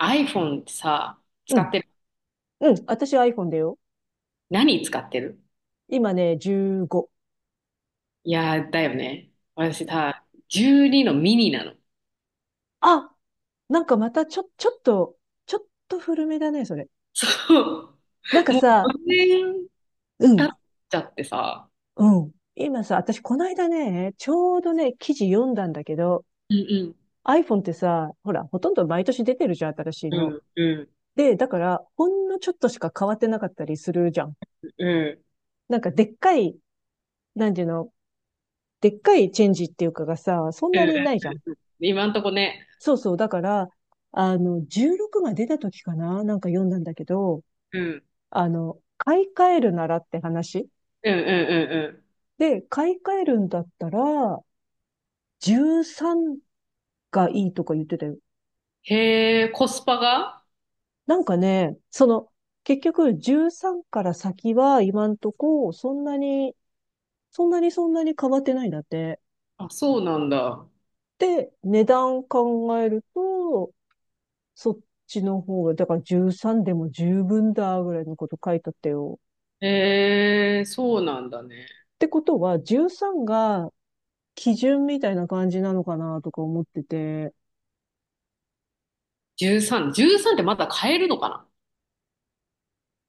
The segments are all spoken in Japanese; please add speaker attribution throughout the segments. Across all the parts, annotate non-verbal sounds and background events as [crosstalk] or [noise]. Speaker 1: iPhone ってさ、
Speaker 2: う
Speaker 1: 使っ
Speaker 2: ん。
Speaker 1: てる？
Speaker 2: うん。私は iPhone だよ。
Speaker 1: 何使ってる？
Speaker 2: 今ね、15。
Speaker 1: いやー、だよね。私さ、12のミニなの。
Speaker 2: あ、なんかまたちょっと、ちょっと古めだね、それ。
Speaker 1: そう。
Speaker 2: なんか
Speaker 1: もう
Speaker 2: さ、
Speaker 1: 4年
Speaker 2: う
Speaker 1: 経っ
Speaker 2: ん、
Speaker 1: ちゃってさ。
Speaker 2: うん。今さ、私この間ね、ちょうどね、記事読んだんだけど、
Speaker 1: うん
Speaker 2: iPhone ってさ、ほら、ほとんど毎年出てるじゃん、新しい
Speaker 1: うん。
Speaker 2: の。
Speaker 1: うんうん
Speaker 2: で、だから、ほんのちょっとしか変わってなかったりするじゃん。
Speaker 1: うん。
Speaker 2: なんかでっかい、なんていうの、でっかいチェンジっていうかがさ、そん
Speaker 1: う
Speaker 2: な
Speaker 1: ん、
Speaker 2: にないじゃん。
Speaker 1: 今んとこね。
Speaker 2: そうそう。だから、16が出た時かななんか読んだんだけど、
Speaker 1: うん。
Speaker 2: 買い替えるならって話。
Speaker 1: うんうんうんうん。
Speaker 2: で、買い替えるんだったら、13がいいとか言ってたよ。
Speaker 1: へえ、コスパが。
Speaker 2: なんかね、その、結局13から先は今んとこ、そんなに、そんなに変わってないんだって。
Speaker 1: あ、そうなんだ。
Speaker 2: で、値段考えると、そっちの方が、だから13でも十分だぐらいのこと書いてあったよ。
Speaker 1: へえ、そうなんだね。
Speaker 2: ってことは、13が基準みたいな感じなのかなとか思ってて、
Speaker 1: 13、13ってまだ買えるのかな？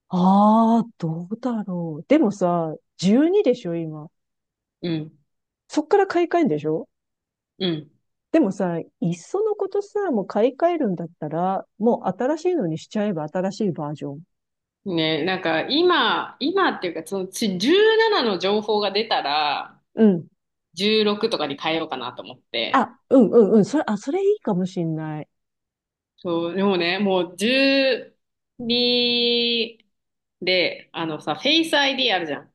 Speaker 2: ああ、どうだろう。でもさ、12でしょ、今。
Speaker 1: うん。
Speaker 2: そっから買い替えんでしょ。
Speaker 1: うん。
Speaker 2: でもさ、いっそのことさ、もう買い替えるんだったら、もう新しいのにしちゃえば新しいバージョン。
Speaker 1: ね、なんか今っていうか、そのち17の情報が出たら、
Speaker 2: うん。
Speaker 1: 16とかに変えようかなと思って。
Speaker 2: あ、うんうんうん。それ、あ、それいいかもしんない。
Speaker 1: そう、でもね、もう12で、あのさ、フェイス ID あるじゃん。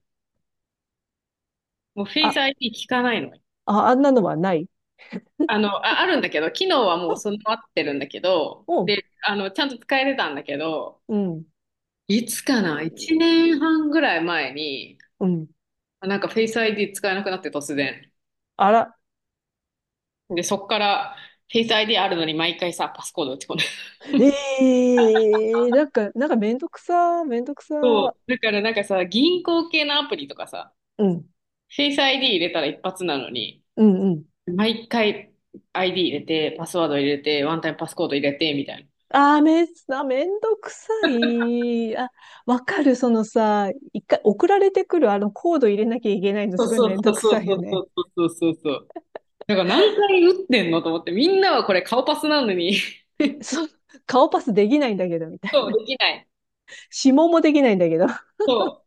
Speaker 1: もうフェイス
Speaker 2: あ、
Speaker 1: ID 聞かないの。
Speaker 2: あ、あんなのはない。
Speaker 1: あ、あるんだけど、機能はもう
Speaker 2: あ、
Speaker 1: 備わってるんだけど、
Speaker 2: うん、
Speaker 1: で、あの、ちゃんと使えてたんだけど、
Speaker 2: うん。
Speaker 1: いつかな？ 1 年半ぐらい前に、
Speaker 2: うん。
Speaker 1: あ、なんかフェイス ID 使えなくなって突然。
Speaker 2: あら、
Speaker 1: で、そっから、フェイス ID あるのに毎回さ、パスコード打ち込んで。
Speaker 2: ええーなんか、めんどくさ。
Speaker 1: [laughs] そう。だからなんかさ、銀行系のアプリとかさ、
Speaker 2: うん、
Speaker 1: フェイス ID 入れたら一発なのに、
Speaker 2: うん、うん。
Speaker 1: 毎回 ID 入れて、パスワード入れて、ワンタイムパスコード入れて、みたいな。
Speaker 2: めんどくさい。あ、わかる。そのさ、一回送られてくるあのコード入れなきゃいけないの
Speaker 1: そう
Speaker 2: すごい
Speaker 1: そ
Speaker 2: め
Speaker 1: う
Speaker 2: んど
Speaker 1: そう
Speaker 2: くさい
Speaker 1: そ
Speaker 2: よ
Speaker 1: うそ
Speaker 2: ね。
Speaker 1: うそうそうそう。だから何回打ってんのと思って、みんなはこれ顔パスなのに。 [laughs]
Speaker 2: [laughs] そう、顔パスできないんだけど、みたい
Speaker 1: そう、
Speaker 2: な。
Speaker 1: できない。
Speaker 2: [laughs] 指紋もできないんだけど。あ
Speaker 1: そう。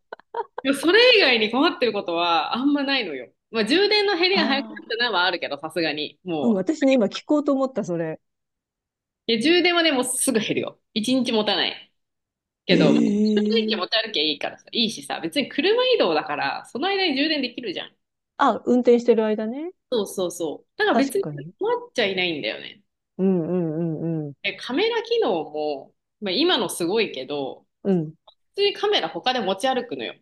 Speaker 1: でもそれ以外に困ってることはあんまないのよ。まあ、充電の減りが早くな
Speaker 2: あ、
Speaker 1: ったのはあるけど、さすがに。
Speaker 2: うん、
Speaker 1: も
Speaker 2: 私ね、今
Speaker 1: う。
Speaker 2: 聞こうと思った、それ。
Speaker 1: いや、充電はね、もうすぐ減るよ。一日持たない。け
Speaker 2: え
Speaker 1: ど、まあ充電器持ち
Speaker 2: え、
Speaker 1: 歩きゃいいからさ、いいしさ、別に車移動だから、その間に充電できるじゃん。
Speaker 2: あ、運転してる間ね。
Speaker 1: そうそうそう。だから
Speaker 2: 確
Speaker 1: 別に
Speaker 2: かに。
Speaker 1: 困っちゃいないんだよね。
Speaker 2: うんうんうんうん。
Speaker 1: え、カメラ機能も、まあ、今のすごいけど、
Speaker 2: うん。
Speaker 1: 普通にカメラ他で持ち歩くのよ。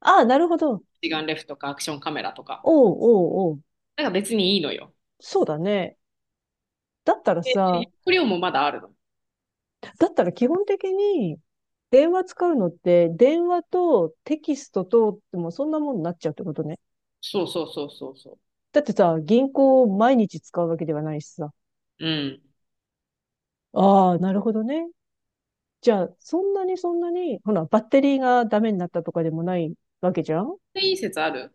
Speaker 2: ああ、なるほど。
Speaker 1: 一眼レフとかアクションカメラとか。
Speaker 2: おうおうおう。
Speaker 1: だから別にいいのよ。
Speaker 2: そうだね。だったら
Speaker 1: で、
Speaker 2: さ、
Speaker 1: 容量もまだあるの。
Speaker 2: だったら基本的に電話使うのって、電話とテキストと、でもそんなもんになっちゃうってことね。
Speaker 1: そうそうそうそうそ
Speaker 2: だってさ、銀行を毎日使うわけではないしさ。
Speaker 1: う。うん。
Speaker 2: ああ、なるほどね。じゃあ、そんなに、ほら、バッテリーがダメになったとかでもないわけじゃん。
Speaker 1: で、いい説ある？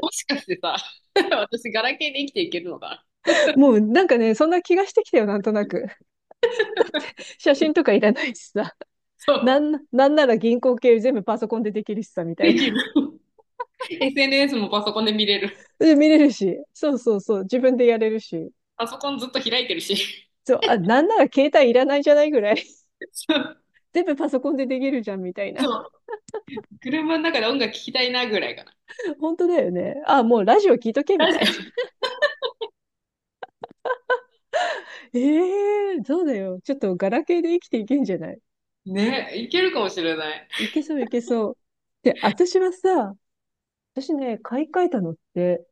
Speaker 1: もしかしてさ、[laughs] 私ガラケーで生きていけるのかな？
Speaker 2: もうなんかね、そんな気がしてきたよ、なんとなく。写真とかいらないしさ。
Speaker 1: そう。
Speaker 2: なんなら銀行系全部パソコンでできるしさ、みた
Speaker 1: で
Speaker 2: いな。
Speaker 1: きる。SNS もパソコンで見れる。
Speaker 2: で、見れるし。そうそうそう。自分でやれるし。
Speaker 1: パソコンずっと開いてるし。
Speaker 2: そう、あ、なんなら携帯いらないじゃないぐらい。
Speaker 1: [laughs] そう
Speaker 2: 全部パソコンでできるじゃんみたいな。
Speaker 1: そう。車の中で音楽聴きたいなぐらいか
Speaker 2: [laughs] 本当だよね。あ、もうラジオ聞いとけみたいな。[laughs] えー、そうだよ。ちょっとガラケーで生きていけんじゃない。
Speaker 1: な。ね、いけるかもしれない。
Speaker 2: いけそういけそう。で、私はさ、私ね、買い替えたのって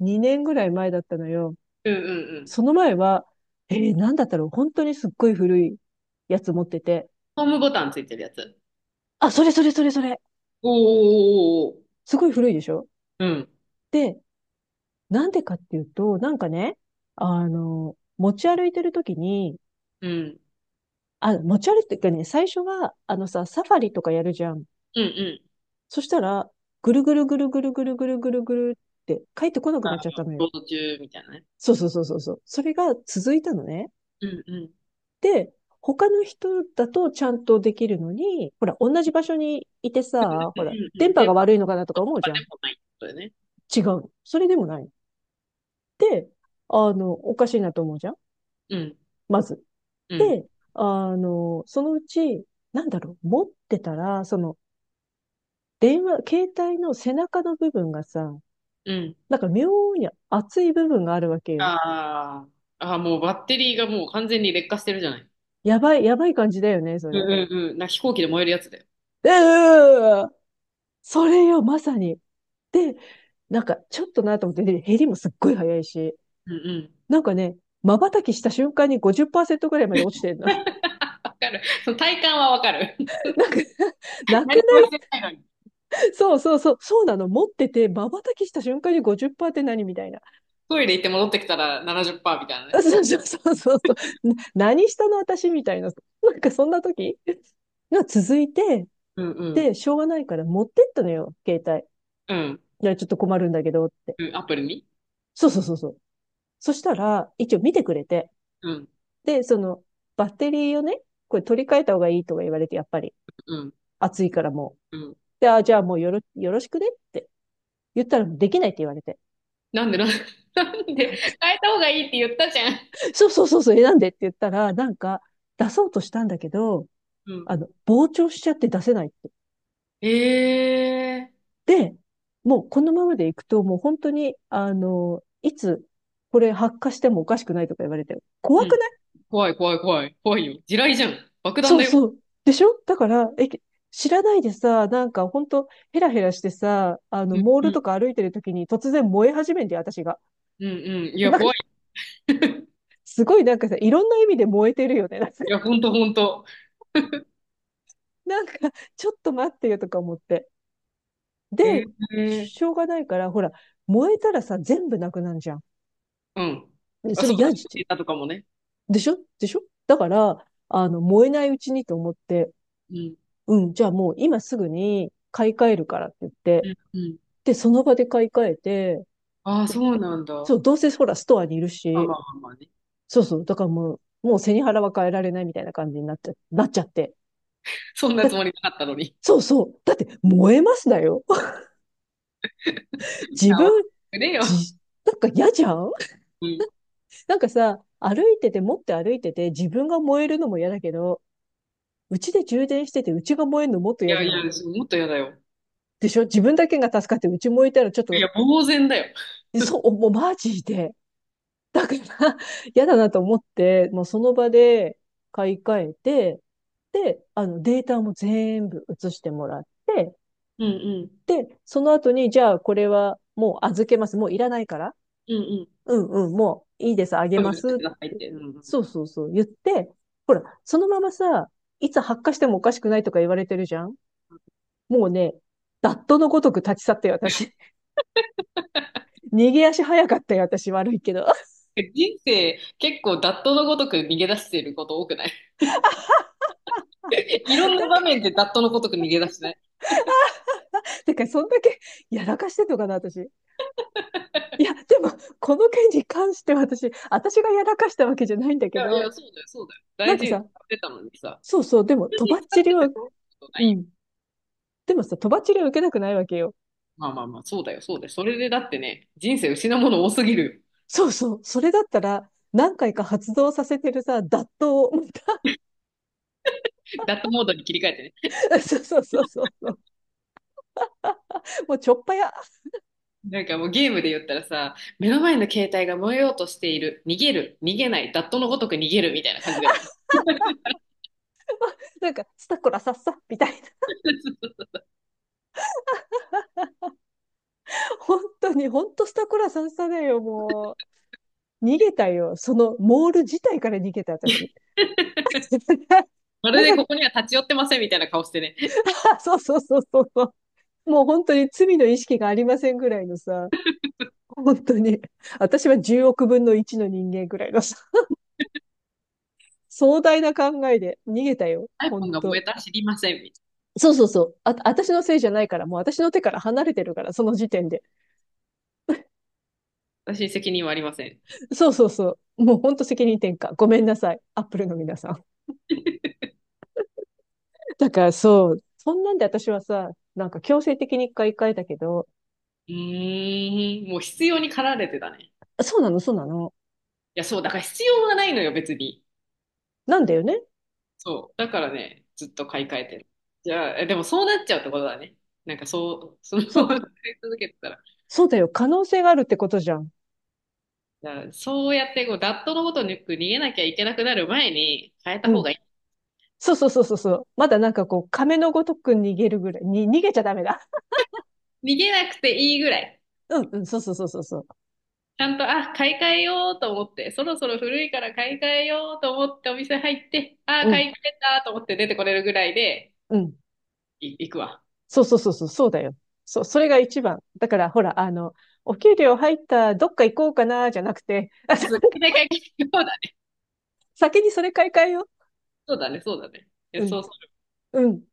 Speaker 2: 2年ぐらい前だったのよ。
Speaker 1: うんうんうん。
Speaker 2: その前は、えー、なんだったろう。本当にすっごい古いやつ持ってて。
Speaker 1: ホームボタンついてるやつ。
Speaker 2: あ、それそれそれそれ。
Speaker 1: おーおーおーおー。
Speaker 2: すごい古いでしょ。
Speaker 1: うん。
Speaker 2: で、なんでかっていうと、なんかね、あの、持ち歩いてるときに、
Speaker 1: うん。
Speaker 2: あ、持ち歩いてるかね、最初は、あのさ、サファリとかやるじゃん。
Speaker 1: うんうん。
Speaker 2: そしたら、ぐるぐるぐるぐるぐるぐるぐるぐるって帰ってこなく
Speaker 1: あ
Speaker 2: な
Speaker 1: の、
Speaker 2: っちゃったのよ。
Speaker 1: ロード中みたいなね。
Speaker 2: そうそうそうそうそう。それが続いたのね。
Speaker 1: うんうん。うん
Speaker 2: で、他の人だとちゃんとできるのに、ほら、同じ場所にいてさ、ほら、
Speaker 1: うんう
Speaker 2: 電
Speaker 1: ん。
Speaker 2: 波
Speaker 1: 電
Speaker 2: が
Speaker 1: 波
Speaker 2: 悪いのかなと
Speaker 1: と
Speaker 2: か思う
Speaker 1: か
Speaker 2: じゃ
Speaker 1: で
Speaker 2: ん。
Speaker 1: もないってことだよね。
Speaker 2: 違うの。それでもないの。で、あの、おかしいなと思うじゃん。
Speaker 1: うん。
Speaker 2: まず。
Speaker 1: うん。
Speaker 2: で、あの、そのうち、なんだろう、持ってたら、その、電話、携帯の背中の部分がさ、
Speaker 1: うん。
Speaker 2: なんか妙に熱い部分があるわけよ。
Speaker 1: ああ。ああ、もうバッテリーがもう完全に劣化してるじゃない。
Speaker 2: やばい、やばい感じだよね、そ
Speaker 1: う
Speaker 2: れ。
Speaker 1: んうんうん。飛行機で燃えるやつだよ。
Speaker 2: うー、それよ、まさに。で、なんかちょっとなと思って、で減りもすっごい早いし、
Speaker 1: うんうん。
Speaker 2: なんかね、瞬きした瞬間に50%ぐらいまで落ちてんの。
Speaker 1: わかる。その体感はわかる。
Speaker 2: [laughs] なんか、
Speaker 1: [laughs]
Speaker 2: なく
Speaker 1: 何もしてないのに。
Speaker 2: ないそうそうそう、そうなの。持ってて、瞬きした瞬間に50%っパーセントって何みたいな。
Speaker 1: トイレ行って戻ってきたら70%みたいな
Speaker 2: [laughs]
Speaker 1: ね。
Speaker 2: あ、そうそうそうそうそう。何したの私みたいな。なんかそんな時が [laughs] 続いて、
Speaker 1: うんうん。
Speaker 2: で、しょうがないから持ってったのよ、携帯。
Speaker 1: うん。
Speaker 2: いや、ちょっと困るんだけどって。
Speaker 1: うん、アプリに。
Speaker 2: そうそうそうそう。そしたら、一応見てくれて。
Speaker 1: うん。
Speaker 2: で、その、バッテリーをね、これ取り替えた方がいいとか言われて、やっぱり、
Speaker 1: うん。
Speaker 2: 暑いからもう。
Speaker 1: うん。
Speaker 2: で、あ、じゃあもうよろしくねって言ったら、できないって言われて。
Speaker 1: なんでなんで、[laughs] なんで変えた方がいいって言ったじゃん。
Speaker 2: そうそうそう、そう、え、なんでって言ったら、なんか、出そうとしたんだけど、
Speaker 1: うん。
Speaker 2: あの、膨張しちゃって出せないって。
Speaker 1: ええ、
Speaker 2: で、もうこのままでいくと、もう本当に、あの、いつ、これ発火してもおかしくないとか言われて、
Speaker 1: う
Speaker 2: 怖
Speaker 1: ん。
Speaker 2: くない？
Speaker 1: 怖い怖い怖い。怖いよ。地雷じゃん。爆弾
Speaker 2: そ
Speaker 1: だ
Speaker 2: う
Speaker 1: よ。
Speaker 2: そう。でしょ？だから、え、知らないでさ、なんかほんと、ヘラヘラしてさ、あの、
Speaker 1: うん。
Speaker 2: モー
Speaker 1: う
Speaker 2: ルと
Speaker 1: ん。
Speaker 2: か歩いてる時に突然燃え始めて、私が。
Speaker 1: うんうん。い
Speaker 2: [laughs]
Speaker 1: や、
Speaker 2: なんか、
Speaker 1: 怖い。
Speaker 2: すごいなんかさ、いろんな意味で燃えてるよね。
Speaker 1: いや、ほんとほんと。
Speaker 2: なんかちょっと待ってよとか思って。で、
Speaker 1: ええ、
Speaker 2: しょうがないから、ほら、燃えたらさ、全部なくなるじゃん。
Speaker 1: うん。
Speaker 2: で
Speaker 1: あ、
Speaker 2: そ
Speaker 1: そ
Speaker 2: れ
Speaker 1: うだ
Speaker 2: 嫌
Speaker 1: ね。
Speaker 2: じゃん。
Speaker 1: データとかもね。
Speaker 2: でしょでしょ？だから、あの、燃えないうちにと思って、
Speaker 1: うん。
Speaker 2: うん、じゃあもう今すぐに買い替えるからって言っ
Speaker 1: う
Speaker 2: て、
Speaker 1: ん。うん。
Speaker 2: で、その場で買い替えて、
Speaker 1: ああ、そうなんだ。
Speaker 2: そ
Speaker 1: ま
Speaker 2: う、どうせほら、ストアにいる
Speaker 1: あ
Speaker 2: し、
Speaker 1: まあまあまあね。
Speaker 2: そうそう、だからもう、もう背に腹は変えられないみたいな感じになっちゃって。
Speaker 1: そんなつもりなかったのに。
Speaker 2: そうそう。だって、燃えますだよ。
Speaker 1: 直し
Speaker 2: [laughs]
Speaker 1: て
Speaker 2: 自分、
Speaker 1: くれよ。
Speaker 2: じ、なんか嫌じゃん。
Speaker 1: うん。い
Speaker 2: [laughs] なんかさ、歩いてて、持って歩いてて、自分が燃えるのも嫌だけど、うちで充電してて、うちが燃えるのもっと嫌
Speaker 1: や
Speaker 2: じ
Speaker 1: い
Speaker 2: ゃ
Speaker 1: や、
Speaker 2: ない？
Speaker 1: もっと嫌だよ。
Speaker 2: でしょ？自分だけが助かって、うち燃えたらちょっ
Speaker 1: い
Speaker 2: と、
Speaker 1: や、呆然だよ。
Speaker 2: そう、もうマジで。だから、[laughs] 嫌だなと思って、もうその場で買い替えて、で、あの、データも全部移してもらって、
Speaker 1: うんうん。
Speaker 2: で、その後に、じゃあ、これはもう預けます。もういらないから。
Speaker 1: うんうん。
Speaker 2: うんうん、もういいです。あげ
Speaker 1: 処分
Speaker 2: ま
Speaker 1: して
Speaker 2: す。っ
Speaker 1: くださいっ
Speaker 2: て。
Speaker 1: て。うんうん。
Speaker 2: そうそうそう、言って、ほら、そのままさ、いつ発火してもおかしくないとか言われてるじゃん。もうね、ダットのごとく立ち去って私。[laughs] 逃げ足早かったよ、私。悪いけど。[laughs]
Speaker 1: 人生、結構、ダットのごとく逃げ出してること多くない？ [laughs] いろん
Speaker 2: ら、
Speaker 1: な場面でダットのごとく逃げ出してない？
Speaker 2: だからそんだけやらかしてんのかな、私。いや、でも、この件に関して私がやらかしたわけじゃないんだ
Speaker 1: い
Speaker 2: け
Speaker 1: やい
Speaker 2: ど、
Speaker 1: や、そうだよ、そうだよ。
Speaker 2: なん
Speaker 1: 大
Speaker 2: か
Speaker 1: 事に
Speaker 2: さ、
Speaker 1: 使ってたのにさ。
Speaker 2: そうそう、でも、
Speaker 1: 普通
Speaker 2: とば
Speaker 1: に
Speaker 2: っ
Speaker 1: 使っ
Speaker 2: ちり
Speaker 1: て
Speaker 2: は、
Speaker 1: てそういうことな
Speaker 2: う
Speaker 1: い。
Speaker 2: ん。でもさ、とばっちりは受けたくないわけよ。
Speaker 1: まあまあまあ、そうだよ、そうだよ。それでだってね、人生失うもの多すぎる。
Speaker 2: そうそう、それだったら、何回か発動させてるさ、脱刀を、また
Speaker 1: ダットモードに切り替えてね。
Speaker 2: [laughs] そうそうそうそうそう、もうちょっぱや、
Speaker 1: なんかもうゲームで言ったらさ、目の前の携帯が燃えようとしている、逃げる、逃げない、ダットのごとく逃げるみたいな感じだよね。
Speaker 2: なんか、スタコラさっさ、みたいな。本当に、本当スタコラさっさだよ、もう。逃げたよ。その、モール自体から逃げた、私。
Speaker 1: [laughs]
Speaker 2: [laughs]
Speaker 1: まるで
Speaker 2: 早
Speaker 1: こ
Speaker 2: く、
Speaker 1: こには立ち寄ってませんみたいな顔してね、
Speaker 2: [laughs] そうそうそうそうそう。もう本当に罪の意識がありませんぐらいのさ、本当に、私は10億分の1の人間ぐらいのさ、壮大な考えで逃げたよ、
Speaker 1: [laughs]
Speaker 2: 本
Speaker 1: iPhone が燃
Speaker 2: 当。
Speaker 1: えたら知りません。
Speaker 2: そうそうそう。あ、私のせいじゃないから、もう私の手から離れてるから、その時点で。
Speaker 1: 私に責任はありません。
Speaker 2: そうそうそう。もう本当責任転嫁。ごめんなさい。アップルの皆さん。だからそう、そんなんで私はさ、なんか強制的に一回だけど、
Speaker 1: うーん、もう必要に駆られてたね。い
Speaker 2: そうなの、そうなの。
Speaker 1: や、そう、だから必要はないのよ、別に。
Speaker 2: なんだよね。
Speaker 1: そう。だからね、ずっと買い替えてる。じゃあ、え、でもそうなっちゃうってことだね。なんかそう、[laughs] その
Speaker 2: そ
Speaker 1: ま
Speaker 2: う、
Speaker 1: ま [laughs] 使い続けてたら。
Speaker 2: そうだよ。可能性があるってことじゃん。
Speaker 1: じゃあそうやってこう、ダットのごとく逃げなきゃいけなくなる前に変えた
Speaker 2: う
Speaker 1: 方
Speaker 2: ん。
Speaker 1: が。
Speaker 2: そうそうそうそうそう。まだなんかこう、亀のごとく逃げるぐらい。に、逃げちゃダメだ。
Speaker 1: 逃げなくていいぐらい。
Speaker 2: うんうん、そうそうそうそうそう。
Speaker 1: ちゃんと、あ、買い替えようと思って、そろそろ古いから買い替えようと思ってお店入って、あ、
Speaker 2: うん、
Speaker 1: 買い替えたと思って出てこれるぐらいで、
Speaker 2: うん。
Speaker 1: 行くわ。
Speaker 2: そうそうそうそう、そうだよ。そう、それが一番。だから、ほら、あの、お給料入った、どっか行こうかな、じゃなくて、あ
Speaker 1: そう
Speaker 2: さ
Speaker 1: そう、買い替えそうだね、
Speaker 2: 先にそれ買い替えよ
Speaker 1: そうだね、そうだね。いや
Speaker 2: う。うん、
Speaker 1: そう
Speaker 2: うん、